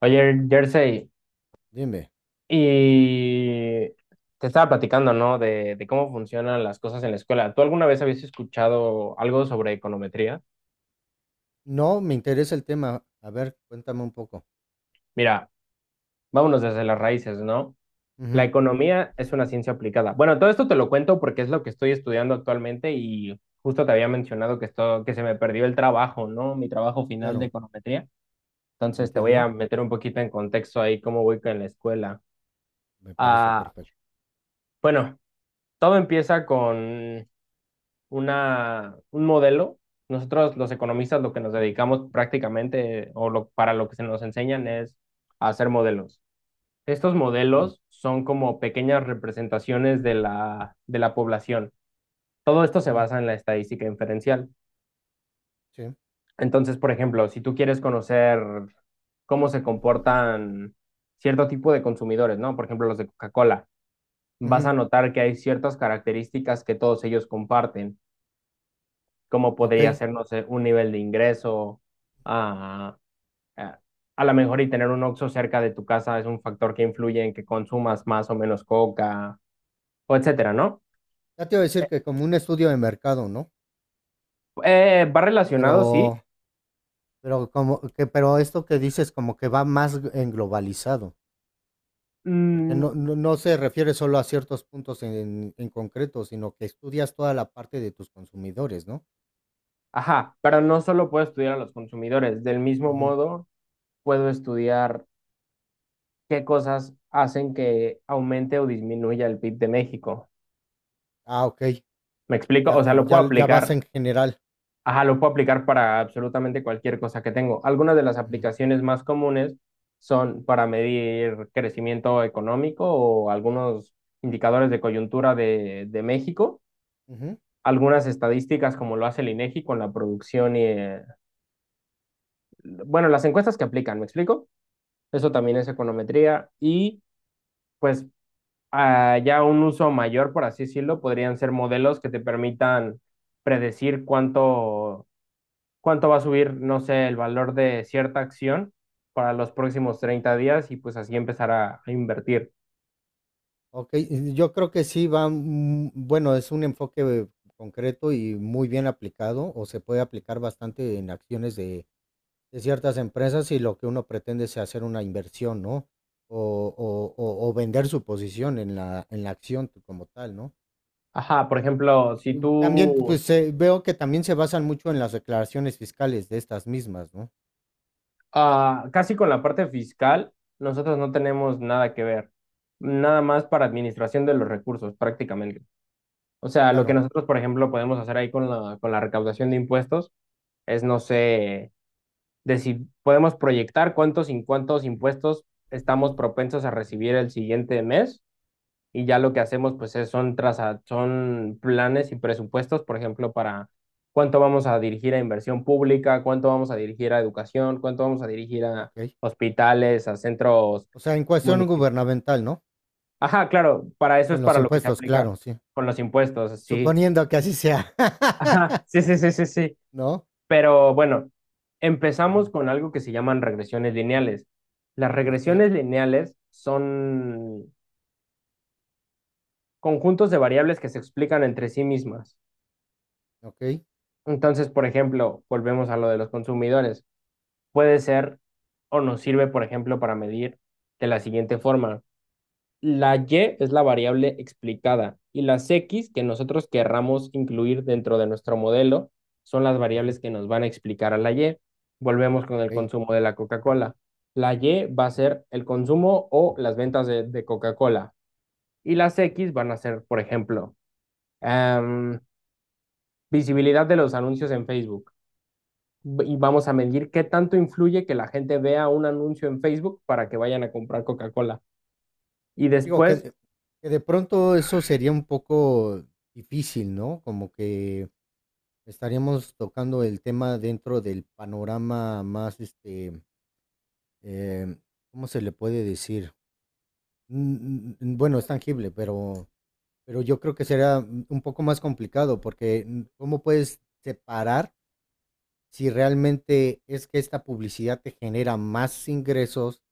Oye, Jersey, Dime. y te estaba platicando, ¿no? De cómo funcionan las cosas en la escuela. ¿Tú alguna vez habías escuchado algo sobre econometría? No, me interesa el tema. A ver, cuéntame un poco. Mira, vámonos desde las raíces, ¿no? La Ujú, economía es una ciencia aplicada. Bueno, todo esto te lo cuento porque es lo que estoy estudiando actualmente y justo te había mencionado que, que se me perdió el trabajo, ¿no? Mi trabajo final de claro, econometría. lo Entonces te voy a entiendo. meter un poquito en contexto ahí cómo voy con la escuela. Me parece Ah, perfecto. bueno, todo empieza con un modelo. Nosotros los economistas lo que nos dedicamos prácticamente o para lo que se nos enseñan es a hacer modelos. Estos Sí. modelos son como pequeñas representaciones de la población. Todo esto se Ujú, basa en la estadística inferencial. sí. Entonces, por ejemplo, si tú quieres conocer cómo se comportan cierto tipo de consumidores, ¿no? Por ejemplo, los de Coca-Cola, vas Ujú, a notar que hay ciertas características que todos ellos comparten cómo podría okey. ser, no sé, un nivel de ingreso. ah, ah, a lo mejor y tener un Oxxo cerca de tu casa es un factor que influye en que consumas más o menos coca, o etcétera, ¿no? Ya te iba a decir que como un estudio de mercado, ¿no? Va relacionado, sí. Pero como que esto que dices como que va más en globalizado, porque Mm, no se refiere solo a ciertos puntos en concreto, sino que estudias toda la parte de tus consumidores, ¿no? ajá, pero no solo puedo estudiar a los consumidores, del mismo Ujú. modo puedo estudiar qué cosas hacen que aumente o disminuya el PIB de México. Ah, okey. ¿Me explico? O Ya sea, lo ya puedo ya vas aplicar. en general. Ajá, lo puedo aplicar para absolutamente cualquier cosa que tengo. Algunas de las Ujú. aplicaciones más comunes son para medir crecimiento económico o algunos indicadores de coyuntura de México, Ujú. algunas estadísticas como lo hace el INEGI con la producción y, bueno, las encuestas que aplican, ¿me explico? Eso también es econometría y pues, ya un uso mayor, por así decirlo, podrían ser modelos que te permitan predecir cuánto va a subir, no sé, el valor de cierta acción para los próximos 30 días y pues así empezar a invertir. Ok, yo creo que sí va, bueno, es un enfoque concreto y muy bien aplicado, o se puede aplicar bastante en acciones de ciertas empresas y lo que uno pretende es hacer una inversión, ¿no? O, o vender su posición en la acción como tal, ¿no? Ajá, por ejemplo, si Mm, también, tú, pues veo que también se basan mucho en las declaraciones fiscales de estas mismas, ¿no? ah, casi con la parte fiscal, nosotros no tenemos nada que ver, nada más para administración de los recursos prácticamente. O sea, lo que Claro, nosotros, por ejemplo, podemos hacer ahí con la recaudación de impuestos es, no sé, de si podemos proyectar cuántos y cuántos impuestos estamos propensos a recibir el siguiente mes y ya lo que hacemos pues son planes y presupuestos, por ejemplo, para cuánto vamos a dirigir a inversión pública, cuánto vamos a dirigir a educación, cuánto vamos a dirigir a ok. hospitales, a centros O sea, en cuestión municipales. gubernamental, ¿no? Ajá, claro, para eso es Con los para lo que se impuestos, aplica claro, sí. con los impuestos, sí. Suponiendo que así sea, Ajá, sí, sí, sí, sí, sí. ¿no? Pero bueno, empezamos Ujú. con algo que se llaman regresiones lineales. Las Okey, regresiones lineales son conjuntos de variables que se explican entre sí mismas. okey, Entonces, por ejemplo, volvemos a lo de los consumidores. Puede ser o nos sirve, por ejemplo, para medir de la siguiente forma. La Y es la variable explicada y las X que nosotros querramos incluir dentro de nuestro modelo son las ujú, variables que nos van a explicar a la Y. Volvemos con el okey. consumo de la Coca-Cola. La Y va a ser el consumo o las ventas de Coca-Cola y las X van a ser, por ejemplo, em, visibilidad de los anuncios en Facebook y vamos a medir qué tanto influye que la gente vea un anuncio en Facebook para que vayan a comprar Coca-Cola. Y Digo después. Que de pronto eso sería un poco difícil, ¿no? Como que estaríamos tocando el tema dentro del panorama más, em, ¿cómo se le puede decir? Bueno, es tangible, pero yo creo que será un poco más complicado, porque, ¿cómo puedes separar si realmente es que esta publicidad te genera más ingresos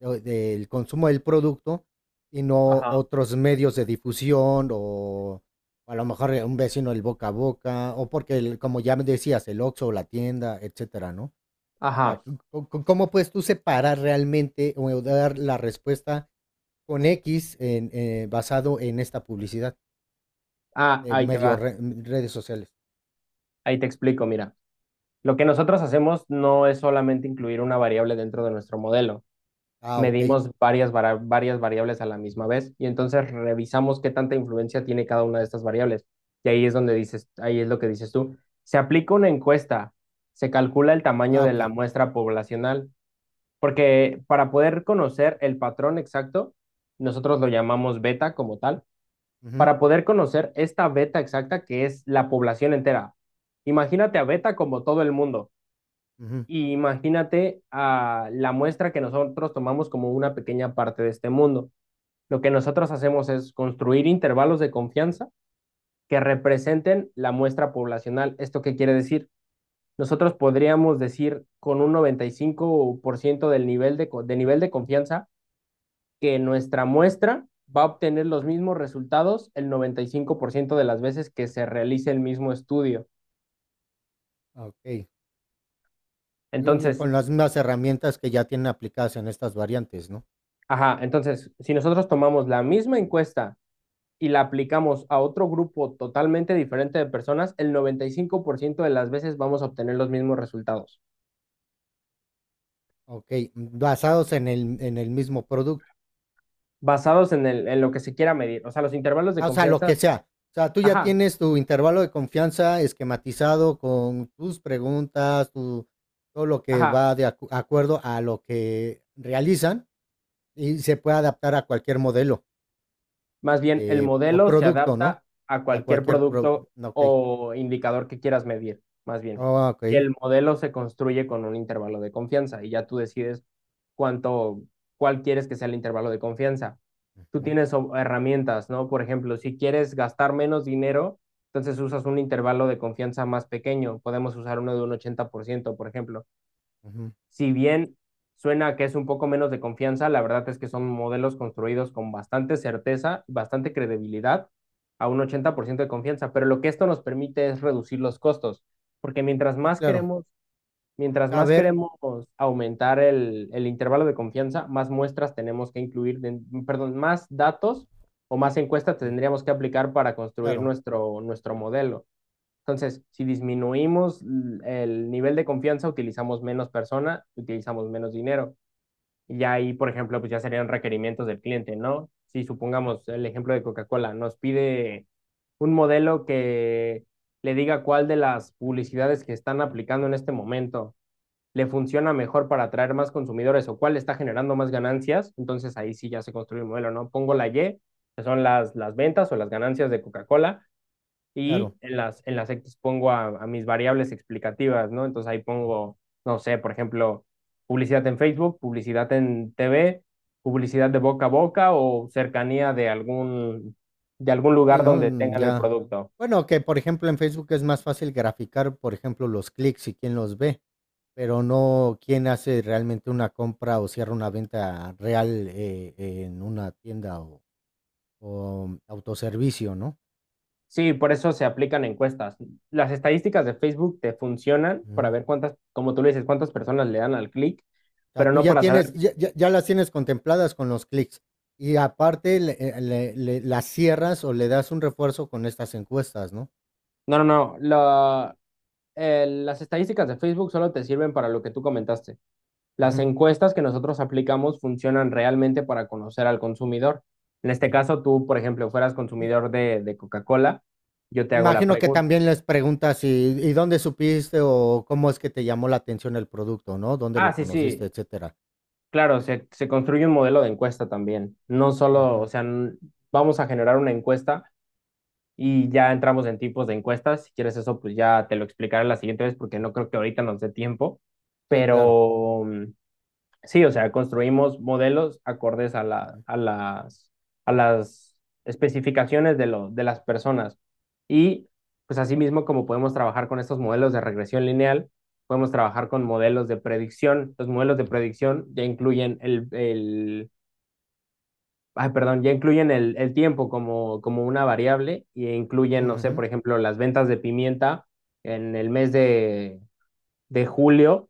o del consumo del producto y no Ajá, otros medios de difusión o a lo mejor un vecino el boca a boca o porque, como ya me decías, el Oxxo o la tienda, etcétera, ¿no? O sea, ajá, ¿cómo puedes tú separar realmente o dar la respuesta con X en, basado en esta publicidad de ahí te va, redes sociales? ahí te explico, mira. Lo que nosotros hacemos no es solamente incluir una variable dentro de nuestro modelo. Ah, ok. Medimos varias variables a la misma vez y entonces revisamos qué tanta influencia tiene cada una de estas variables. Y ahí es donde dices, ahí es lo que dices tú. Se aplica una encuesta, se calcula el tamaño Ah, de la ok. muestra poblacional. Porque para poder conocer el patrón exacto, nosotros lo llamamos beta como tal, Ujú, para poder conocer esta beta exacta que es la población entera. Imagínate a beta como todo el mundo ujú, y imagínate a la muestra que nosotros tomamos como una pequeña parte de este mundo. Lo que nosotros hacemos es construir intervalos de confianza que representen la muestra poblacional. ¿Esto qué quiere decir? Nosotros podríamos decir con un 95% de nivel de confianza que nuestra muestra va a obtener los mismos resultados el 95% de las veces que se realice el mismo estudio. ah, ok. Mm, Entonces, con las mismas herramientas que ya tienen aplicadas en estas variantes, ¿no? ajá, entonces, si nosotros tomamos la misma encuesta y la aplicamos a otro grupo totalmente diferente de personas, el 95% de las veces vamos a obtener los mismos resultados, Ok, mm, basados en el mismo producto. basados en lo que se quiera medir. O sea, los intervalos de Ah, o sea, lo confianza. que sea. O sea, tú ya Ajá, tienes tu intervalo de confianza esquematizado con tus preguntas, tu, todo lo que ajá. va de acuerdo a lo que realizan y se puede adaptar a cualquier modelo Más bien, el o modelo se producto, ¿no? adapta a A cualquier cualquier producto Ok. o indicador que quieras medir, más bien. Ah, ok. Y el modelo se construye con un intervalo de confianza y ya tú decides cuánto, cuál quieres que sea el intervalo de confianza. Tú Ujú, tienes herramientas, ¿no? Por ejemplo, si quieres gastar menos dinero, entonces usas un intervalo de confianza más pequeño. Podemos usar uno de un 80%, por ejemplo. ujú. Si bien suena que es un poco menos de confianza, la verdad es que son modelos construidos con bastante certeza, bastante credibilidad, a un 80% de confianza, pero lo que esto nos permite es reducir los costos, porque mientras Sí, más claro. queremos, mientras más Saber. queremos aumentar el intervalo de confianza, más muestras tenemos que incluir, perdón, más datos o más encuestas Mm, tendríamos que aplicar para construir claro, nuestro modelo. Entonces, si disminuimos el nivel de confianza, utilizamos menos persona, utilizamos menos dinero. Y ahí, por ejemplo, pues ya serían requerimientos del cliente, ¿no? Si supongamos el ejemplo de Coca-Cola, nos pide un modelo que le diga cuál de las publicidades que están aplicando en este momento le funciona mejor para atraer más consumidores o cuál está generando más ganancias, entonces ahí sí ya se construye el modelo, ¿no? Pongo la Y, que son las ventas o las ganancias de Coca-Cola, y claro. en las X pongo a mis variables explicativas, ¿no? Entonces ahí pongo, no sé, por ejemplo, publicidad en Facebook, publicidad en TV, publicidad de boca a boca o cercanía de algún Sí, lugar ¿no? donde Mm, tengan el ya. producto. Bueno, que por ejemplo en Facebook es más fácil graficar, por ejemplo, los clics y quién los ve, pero no quién hace realmente una compra o cierra una venta real en una tienda o autoservicio, ¿no? Sí, por eso se aplican encuestas. Las estadísticas de Facebook te funcionan para Ujú. ver cuántas, como tú le dices, cuántas personas le dan al clic, O sea, pero tú no ya para saber. tienes, ya, ya las tienes contempladas con los clics y aparte las cierras o le das un refuerzo con estas encuestas, ¿no? No, no, no. Las estadísticas de Facebook solo te sirven para lo que tú comentaste. Las Ujú, encuestas que nosotros aplicamos funcionan realmente para conocer al consumidor. En este ujú. caso, tú, por ejemplo, fueras consumidor de Coca-Cola, yo te hago la Imagino que pregunta. también les preguntas, y dónde supiste o cómo es que te llamó la atención el producto, ¿no? ¿Dónde lo Ah, sí, conociste, sí, etcétera? claro, se construye un modelo de encuesta también. No solo, o Ujú, sea, vamos a generar una encuesta y ya entramos en tipos de encuestas. Si quieres eso, pues ya te lo explicaré la siguiente vez porque no creo que ahorita nos dé tiempo. sí, claro. Pero, sí, o sea, construimos modelos acordes a la, Ujú, a las, a las especificaciones de las personas. Y pues asimismo, como podemos trabajar con estos modelos de regresión lineal, podemos trabajar con modelos de predicción. Los modelos de predicción ya incluyen el ay, perdón, ya incluyen el tiempo como, como una variable y incluyen, no sé, ujú, por ejemplo, las ventas de pimienta en el mes de julio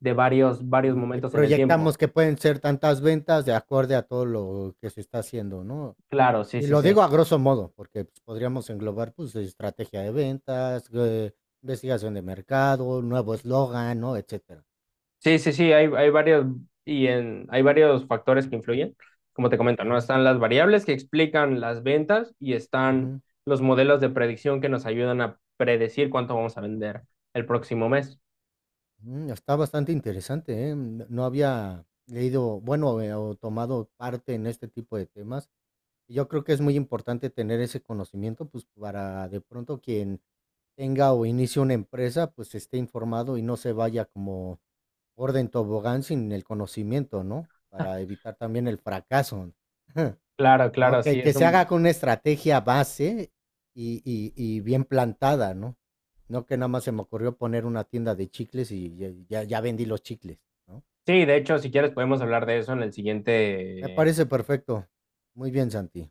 de varios ujú. Y momentos en el tiempo. proyectamos que pueden ser tantas ventas de acorde a todo lo que se está haciendo, ¿no? Claro, sí, Y sí, lo sí. digo a grosso modo, porque pues, podríamos englobar, pues, estrategia de ventas, investigación de mercado, nuevo eslogan, ¿no? Etcétera. Sí, sí, sí, hay varios factores que influyen. Como te comento, ¿no? Ujú, Están las variables que explican las ventas y están ujú. los modelos de predicción que nos ayudan a predecir cuánto vamos a vender el próximo mes. Mm, está bastante interesante, ¿eh? No había leído, bueno, o tomado parte en este tipo de temas. Yo creo que es muy importante tener ese conocimiento, pues para de pronto quien tenga o inicie una empresa, pues esté informado y no se vaya como orden tobogán sin el conocimiento, ¿no? Para evitar también el fracaso. Claro, ¿No? claro, sí, Que es se haga un. con una estrategia base y bien plantada, ¿no? No que nada más se me ocurrió poner una tienda de chicles y ya, ya vendí los chicles, ¿no? Sí, de hecho, si quieres podemos hablar de eso en el Me siguiente parece perfecto. Muy bien, Santi.